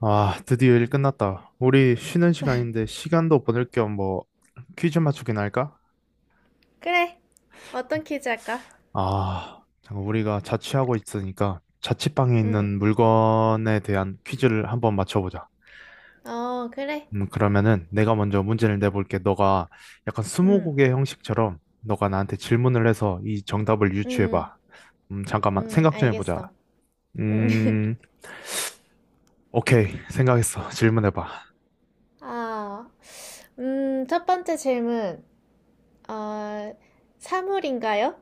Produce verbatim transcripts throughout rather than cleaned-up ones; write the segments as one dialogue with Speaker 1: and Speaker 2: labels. Speaker 1: 아, 드디어 일 끝났다. 우리 쉬는 시간인데 시간도 보낼 겸 뭐 퀴즈 맞추기나 할까?
Speaker 2: 그래. 어떤 퀴즈 할까?
Speaker 1: 아, 잠깐 우리가 자취하고 있으니까 자취방에
Speaker 2: 응.
Speaker 1: 있는 물건에 대한 퀴즈를 한번 맞춰보자.
Speaker 2: 어, 그래.
Speaker 1: 음, 그러면은 내가 먼저 문제를 내볼게. 너가 약간
Speaker 2: 응.
Speaker 1: 스무고개 형식처럼 너가 나한테 질문을 해서 이 정답을
Speaker 2: 응.
Speaker 1: 유추해봐. 음, 잠깐만
Speaker 2: 응. 응.
Speaker 1: 생각 좀
Speaker 2: 알겠어.
Speaker 1: 해보자.
Speaker 2: 응.
Speaker 1: 음, 오케이. 생각했어. 질문해봐.
Speaker 2: 아, 음, 첫 번째 질문. 어, 사물인가요?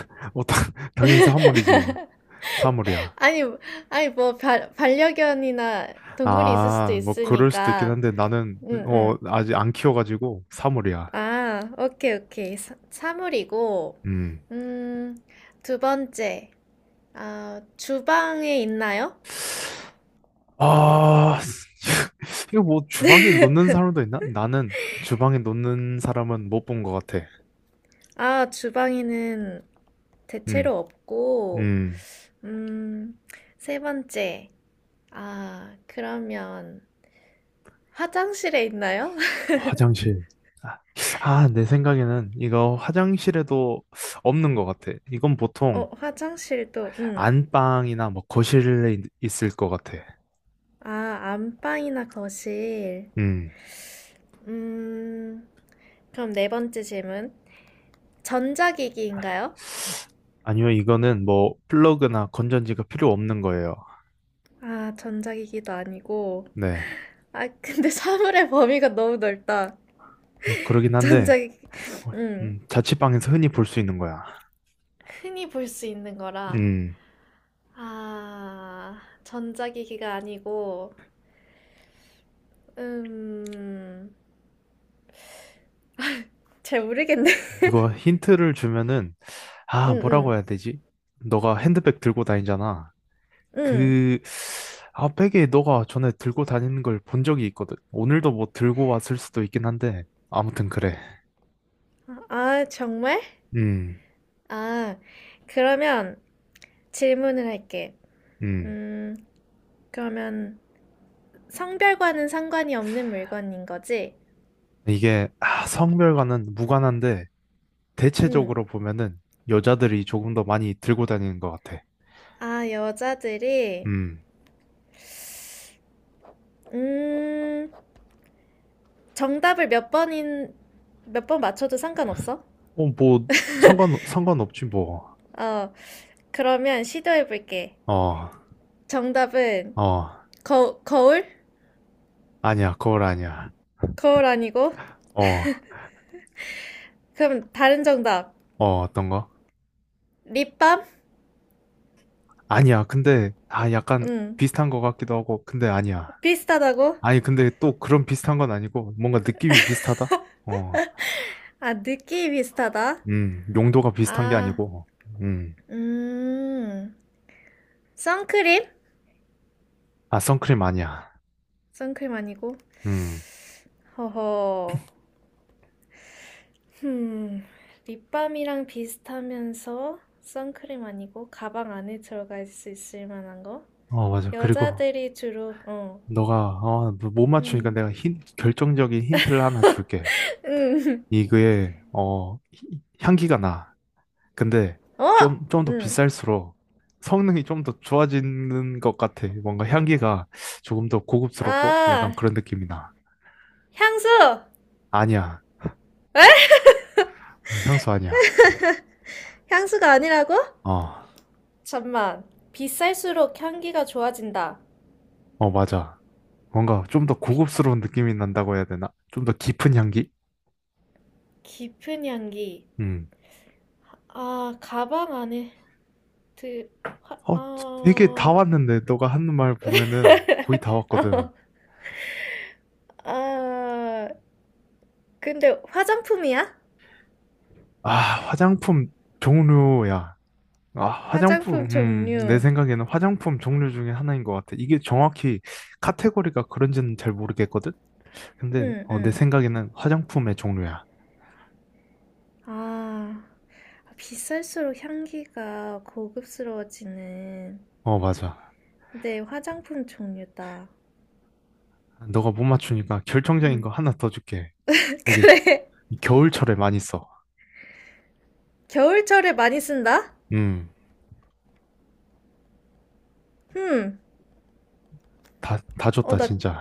Speaker 1: 어, 당- 당연히 사물이지. 사물이야.
Speaker 2: 아니, 아니, 뭐, 바, 반려견이나 동물이 있을 수도
Speaker 1: 아, 뭐 그럴 수도 있긴
Speaker 2: 있으니까.
Speaker 1: 한데 나는
Speaker 2: 응,
Speaker 1: 어
Speaker 2: 응.
Speaker 1: 아직 안 키워가지고 사물이야.
Speaker 2: 아, 오케이, 오케이. 사, 사물이고,
Speaker 1: 음.
Speaker 2: 음, 두 번째. 아, 주방에 있나요?
Speaker 1: 아, 이거 뭐 주방에 놓는 사람도 있나? 나는 주방에 놓는 사람은 못 본 것 같아.
Speaker 2: 아, 주방에는
Speaker 1: 음,
Speaker 2: 대체로 없고,
Speaker 1: 음,
Speaker 2: 음, 세 번째. 아, 그러면 화장실에 있나요?
Speaker 1: 화장실. 아, 아, 내 생각에는 이거 화장실에도 없는 것 같아. 이건 보통
Speaker 2: 어, 화장실도, 음.
Speaker 1: 안방이나 뭐 거실에 있- 있을 것 같아.
Speaker 2: 아, 안방이나 거실.
Speaker 1: 음,
Speaker 2: 음, 그럼 네 번째 질문. 전자기기인가요?
Speaker 1: 아니요, 이거는 뭐 플러그나 건전지가 필요 없는 거예요.
Speaker 2: 아, 전자기기도 아니고.
Speaker 1: 네.
Speaker 2: 아, 근데 사물의 범위가 너무 넓다.
Speaker 1: 뭐 그러긴 한데,
Speaker 2: 전자기기,
Speaker 1: 어,
Speaker 2: 음,
Speaker 1: 음, 자취방에서 흔히 볼 수 있는 거야.
Speaker 2: 흔히 볼 수 있는 거라.
Speaker 1: 음,
Speaker 2: 아, 전자기기가 아니고, 음, 잘 모르겠네.
Speaker 1: 이거 힌트를 주면은, 아,
Speaker 2: 응,
Speaker 1: 뭐라고
Speaker 2: 응,
Speaker 1: 해야 되지? 너가 핸드백 들고 다니잖아.
Speaker 2: 응.
Speaker 1: 그, 아, 백에 너가 전에 들고 다니는 걸 본 적이 있거든. 오늘도 뭐 들고 왔을 수도 있긴 한데, 아무튼 그래.
Speaker 2: 아, 정말?
Speaker 1: 음,
Speaker 2: 아, 그러면 질문을 할게.
Speaker 1: 음.
Speaker 2: 음, 그러면 성별과는 상관이 없는 물건인 거지?
Speaker 1: 이게, 아, 성별과는 무관한데,
Speaker 2: 응.
Speaker 1: 대체적으로 보면은 여자들이 조금 더 많이 들고 다니는 것 같아.
Speaker 2: 아, 여자들이,
Speaker 1: 음.
Speaker 2: 음, 정답을 몇 번인, 몇 번 맞춰도 상관없어?
Speaker 1: 어, 뭐, 상관, 상관없지, 뭐.
Speaker 2: 어, 그러면 시도해볼게.
Speaker 1: 어.
Speaker 2: 정답은,
Speaker 1: 어,
Speaker 2: 거, 거울?
Speaker 1: 아니야, 거울 아니야.
Speaker 2: 거울 아니고?
Speaker 1: 어,
Speaker 2: 그럼 다른 정답.
Speaker 1: 어, 어떤 거?
Speaker 2: 립밤?
Speaker 1: 아니야, 근데, 아, 약간
Speaker 2: 응.
Speaker 1: 비슷한 거 같기도 하고, 근데 아니야.
Speaker 2: 비슷하다고?
Speaker 1: 아니, 근데 또 그런 비슷한 건 아니고, 뭔가 느낌이 비슷하다? 어,
Speaker 2: 아, 느낌이 비슷하다.
Speaker 1: 음, 용도가 비슷한 게
Speaker 2: 아,
Speaker 1: 아니고, 음,
Speaker 2: 음. 선크림?
Speaker 1: 아, 선크림 아니야.
Speaker 2: 선크림 아니고.
Speaker 1: 음,
Speaker 2: 허허. 흠. 립밤이랑 비슷하면서 선크림 아니고 가방 안에 들어갈 수 있을 만한 거?
Speaker 1: 어, 맞아. 그리고,
Speaker 2: 여자들이 주로, 어.
Speaker 1: 너가, 어, 뭐못 맞추니까
Speaker 2: 음.
Speaker 1: 내가 힌, 결정적인 힌트를 하나 줄게.
Speaker 2: 음.
Speaker 1: 이거에, 어, 히- 향기가 나. 근데
Speaker 2: 어!
Speaker 1: 좀, 좀 더
Speaker 2: 음.
Speaker 1: 비쌀수록 성능이 좀 더 좋아지는 것 같아. 뭔가 향기가 조금 더 고급스럽고
Speaker 2: 아,
Speaker 1: 약간 그런 느낌이 나.
Speaker 2: 향수!
Speaker 1: 아니야. 어, 향수 아니야.
Speaker 2: 향수가 아니라고?
Speaker 1: 어,
Speaker 2: 잠만. 비쌀수록 향기가 좋아진다.
Speaker 1: 어, 맞아. 뭔가 좀 더
Speaker 2: 비-
Speaker 1: 고급스러운 느낌이 난다고 해야 되나? 좀 더 깊은 향기?
Speaker 2: 깊은 향기.
Speaker 1: 음.
Speaker 2: 아, 가방 안에 드, 화,
Speaker 1: 어, 되게 다
Speaker 2: 아,
Speaker 1: 왔는데, 너가 하는 말 보면은 거의 다 왔거든.
Speaker 2: 아, 근데 화장품이야?
Speaker 1: 아, 화장품 종류야. 아, 화장품.
Speaker 2: 화장품
Speaker 1: 음, 내
Speaker 2: 종류.
Speaker 1: 생각에는 화장품 종류 중에 하나인 것 같아. 이게 정확히 카테고리가 그런지는 잘 모르겠거든? 근데
Speaker 2: 응,
Speaker 1: 어, 내
Speaker 2: 응.
Speaker 1: 생각에는 화장품의 종류야.
Speaker 2: 아, 비쌀수록 향기가 고급스러워지는.
Speaker 1: 어, 맞아.
Speaker 2: 네, 화장품 종류다.
Speaker 1: 너가 못 맞추니까 결정적인 거
Speaker 2: 응.
Speaker 1: 하나 더 줄게. 이게
Speaker 2: 그래.
Speaker 1: 겨울철에 많이 써.
Speaker 2: 겨울철에 많이 쓴다?
Speaker 1: 음,
Speaker 2: 음.
Speaker 1: 다, 다
Speaker 2: 어,
Speaker 1: 줬다,
Speaker 2: 나
Speaker 1: 진짜.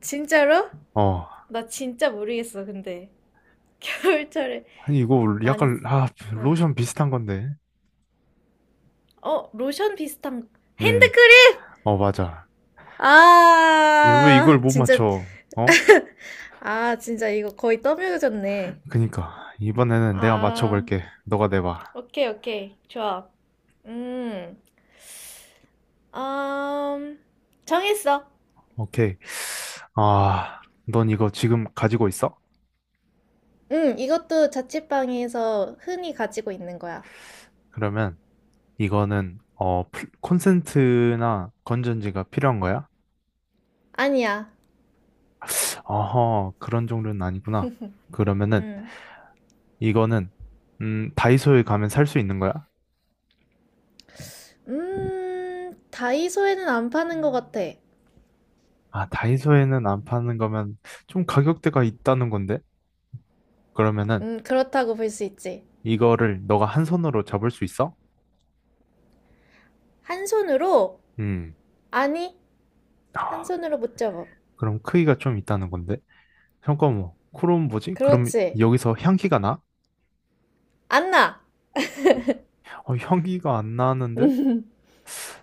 Speaker 2: 진짜로?
Speaker 1: 어,
Speaker 2: 나 진짜 모르겠어, 근데. 겨울철에
Speaker 1: 아니, 이거
Speaker 2: 많이 쓰.
Speaker 1: 약간, 아,
Speaker 2: 응.
Speaker 1: 로션 비슷한 건데.
Speaker 2: 어, 로션 비슷한
Speaker 1: 음,
Speaker 2: 핸드크림!
Speaker 1: 어, 맞아. 얘왜
Speaker 2: 아,
Speaker 1: 이걸 못
Speaker 2: 진짜,
Speaker 1: 맞춰? 어?
Speaker 2: 아, 진짜 이거 거의 떠밀어졌네.
Speaker 1: 그니까. 이번에는 내가
Speaker 2: 아,
Speaker 1: 맞춰볼게. 너가 내봐.
Speaker 2: 오케이, 오케이. 좋아. 음, 음, 정했어.
Speaker 1: 오케이. 아, 넌 이거 지금 가지고 있어?
Speaker 2: 음, 이것도 자취방에서 흔히 가지고 있는 거야.
Speaker 1: 그러면 이거는 어 플- 콘센트나 건전지가 필요한 거야?
Speaker 2: 아니야.
Speaker 1: 어허, 그런 종류는 아니구나. 그러면은
Speaker 2: 음,
Speaker 1: 이거는 음 다이소에 가면 살 수 있는 거야?
Speaker 2: 음, 다이소에는 안 파는 것 같아.
Speaker 1: 아, 다이소에는 안 파는 거면 좀 가격대가 있다는 건데. 그러면은
Speaker 2: 음, 그렇다고 볼 수 있지.
Speaker 1: 이거를 너가 한 손으로 잡을 수 있어?
Speaker 2: 한 손으로,
Speaker 1: 음,
Speaker 2: 아니, 한 손으로 못 잡아.
Speaker 1: 그럼 크기가 좀 있다는 건데. 잠깐만, 그럼 뭐지? 그럼
Speaker 2: 그렇지.
Speaker 1: 여기서 향기가 나?
Speaker 2: 안 나.
Speaker 1: 어, 향기가 안 나는데?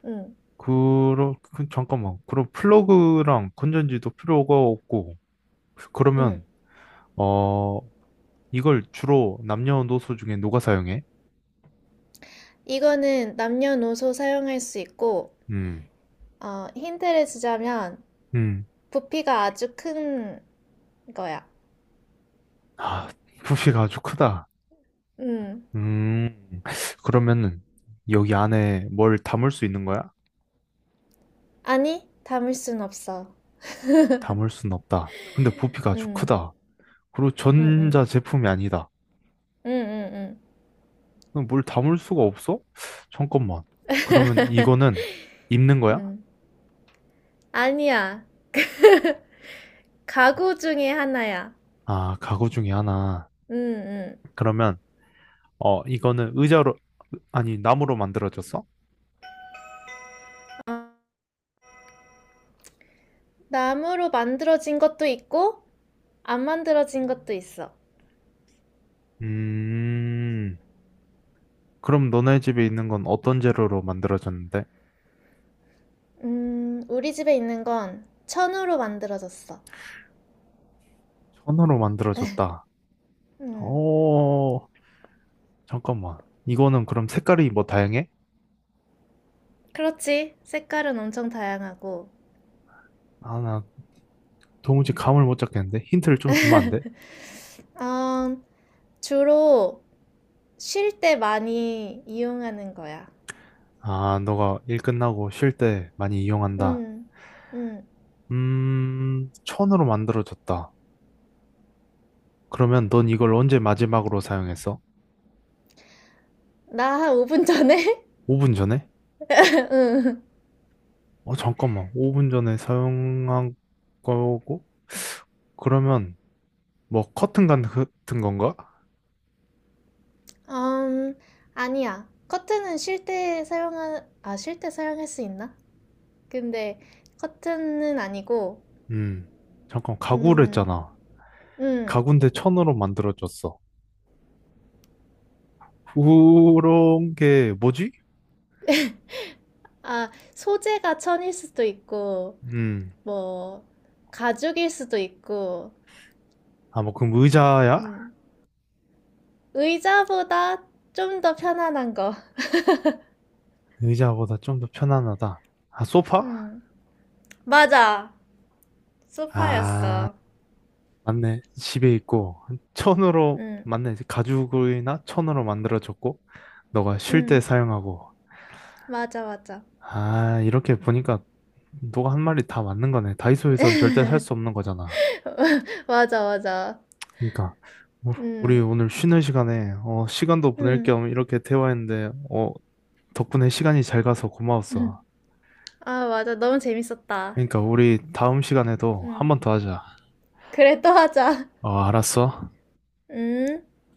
Speaker 2: 응,
Speaker 1: 그러, 그- 잠깐만. 그럼 플러그랑 건전지도 필요가 없고,
Speaker 2: 응.
Speaker 1: 그러면, 어, 이걸 주로 남녀노소 중에 누가 사용해?
Speaker 2: 이거는 남녀노소 사용할 수 있고,
Speaker 1: 음,
Speaker 2: 어, 힌트를 주자면
Speaker 1: 음.
Speaker 2: 부피가 아주 큰 거야.
Speaker 1: 아, 부피가 아주 크다.
Speaker 2: 음.
Speaker 1: 음, 그러면은, 여기 안에 뭘 담을 수 있는 거야?
Speaker 2: 아니, 담을 순 없어.
Speaker 1: 담을 순 없다. 근데 부피가 아주
Speaker 2: 음,
Speaker 1: 크다. 그리고
Speaker 2: 음, 음,
Speaker 1: 전자 제품이 아니다.
Speaker 2: 음, 음, 음.
Speaker 1: 그럼 뭘 담을 수가 없어? 잠깐만. 그러면 이거는 입는 거야?
Speaker 2: 음. 아니야. 가구 중에 하나야.
Speaker 1: 아, 가구 중에 하나.
Speaker 2: 음, 음.
Speaker 1: 그러면, 어, 이거는 의자로, 아니, 나무로 만들어졌어?
Speaker 2: 나무로 만들어진 것도 있고, 안 만들어진 것도 있어.
Speaker 1: 음, 그럼 너네 집에 있는 건 어떤 재료로 만들어졌는데?
Speaker 2: 음, 우리 집에 있는 건 천으로 만들어졌어.
Speaker 1: 천으로 만들어졌다.
Speaker 2: 음,
Speaker 1: 오. 잠깐만. 이거는 그럼 색깔이 뭐 다양해?
Speaker 2: 그렇지. 색깔은 엄청 다양하고.
Speaker 1: 아, 나 도무지 감을 못 잡겠는데? 힌트를 좀 주면 안 돼?
Speaker 2: 어, 주로 쉴 때 많이 이용하는 거야.
Speaker 1: 아, 너가 일 끝나고 쉴 때 많이 이용한다.
Speaker 2: 음.. 음,
Speaker 1: 음, 천으로 만들어졌다. 그러면 넌 이걸 언제 마지막으로 사용했어?
Speaker 2: 나한 오 분 전에?
Speaker 1: 오 분 전에?
Speaker 2: 응.
Speaker 1: 어, 잠깐만. 오 분 전에 사용한 거고? 그러면, 뭐, 커튼 간- 같은 건가?
Speaker 2: 음, 아니야. 커튼은 쉴 때 사용하, 아, 쉴 때 사용할 수 있나? 근데 커튼은 아니고,
Speaker 1: 음. 잠깐, 가구를
Speaker 2: 음,
Speaker 1: 했잖아.
Speaker 2: 음.
Speaker 1: 가구인데 천으로 만들어졌어. 그런 게 뭐지?
Speaker 2: 아, 소재가 천일 수도 있고,
Speaker 1: 음.
Speaker 2: 뭐, 가죽일 수도 있고,
Speaker 1: 아, 뭐, 그럼 의자야?
Speaker 2: 음. 의자보다 좀 더 편안한 거.
Speaker 1: 의자보다 좀 더 편안하다. 아, 소파?
Speaker 2: 음. 맞아.
Speaker 1: 아,
Speaker 2: 소파였어.
Speaker 1: 맞네. 집에 있고. 천으로,
Speaker 2: 응,
Speaker 1: 맞네. 가죽이나 천으로 만들어졌고, 너가 쉴
Speaker 2: 응,
Speaker 1: 때 사용하고.
Speaker 2: 맞아, 맞아.
Speaker 1: 아, 이렇게 보니까 너가 한 말이 다 맞는 거네. 다이소에선 절대 살 수 없는 거잖아.
Speaker 2: 맞아, 맞아.
Speaker 1: 그러니까 우- 우리
Speaker 2: 응,
Speaker 1: 오늘 쉬는 시간에 어, 시간도 보낼
Speaker 2: 응.
Speaker 1: 겸 이렇게 대화했는데 어, 덕분에 시간이 잘 가서
Speaker 2: 응.
Speaker 1: 고마웠어.
Speaker 2: 아, 맞아. 너무 재밌었다.
Speaker 1: 그러니까 우리 다음 시간에도 한
Speaker 2: 응.
Speaker 1: 번 더 하자.
Speaker 2: 그래, 또 하자.
Speaker 1: 어, 알았어.
Speaker 2: 응.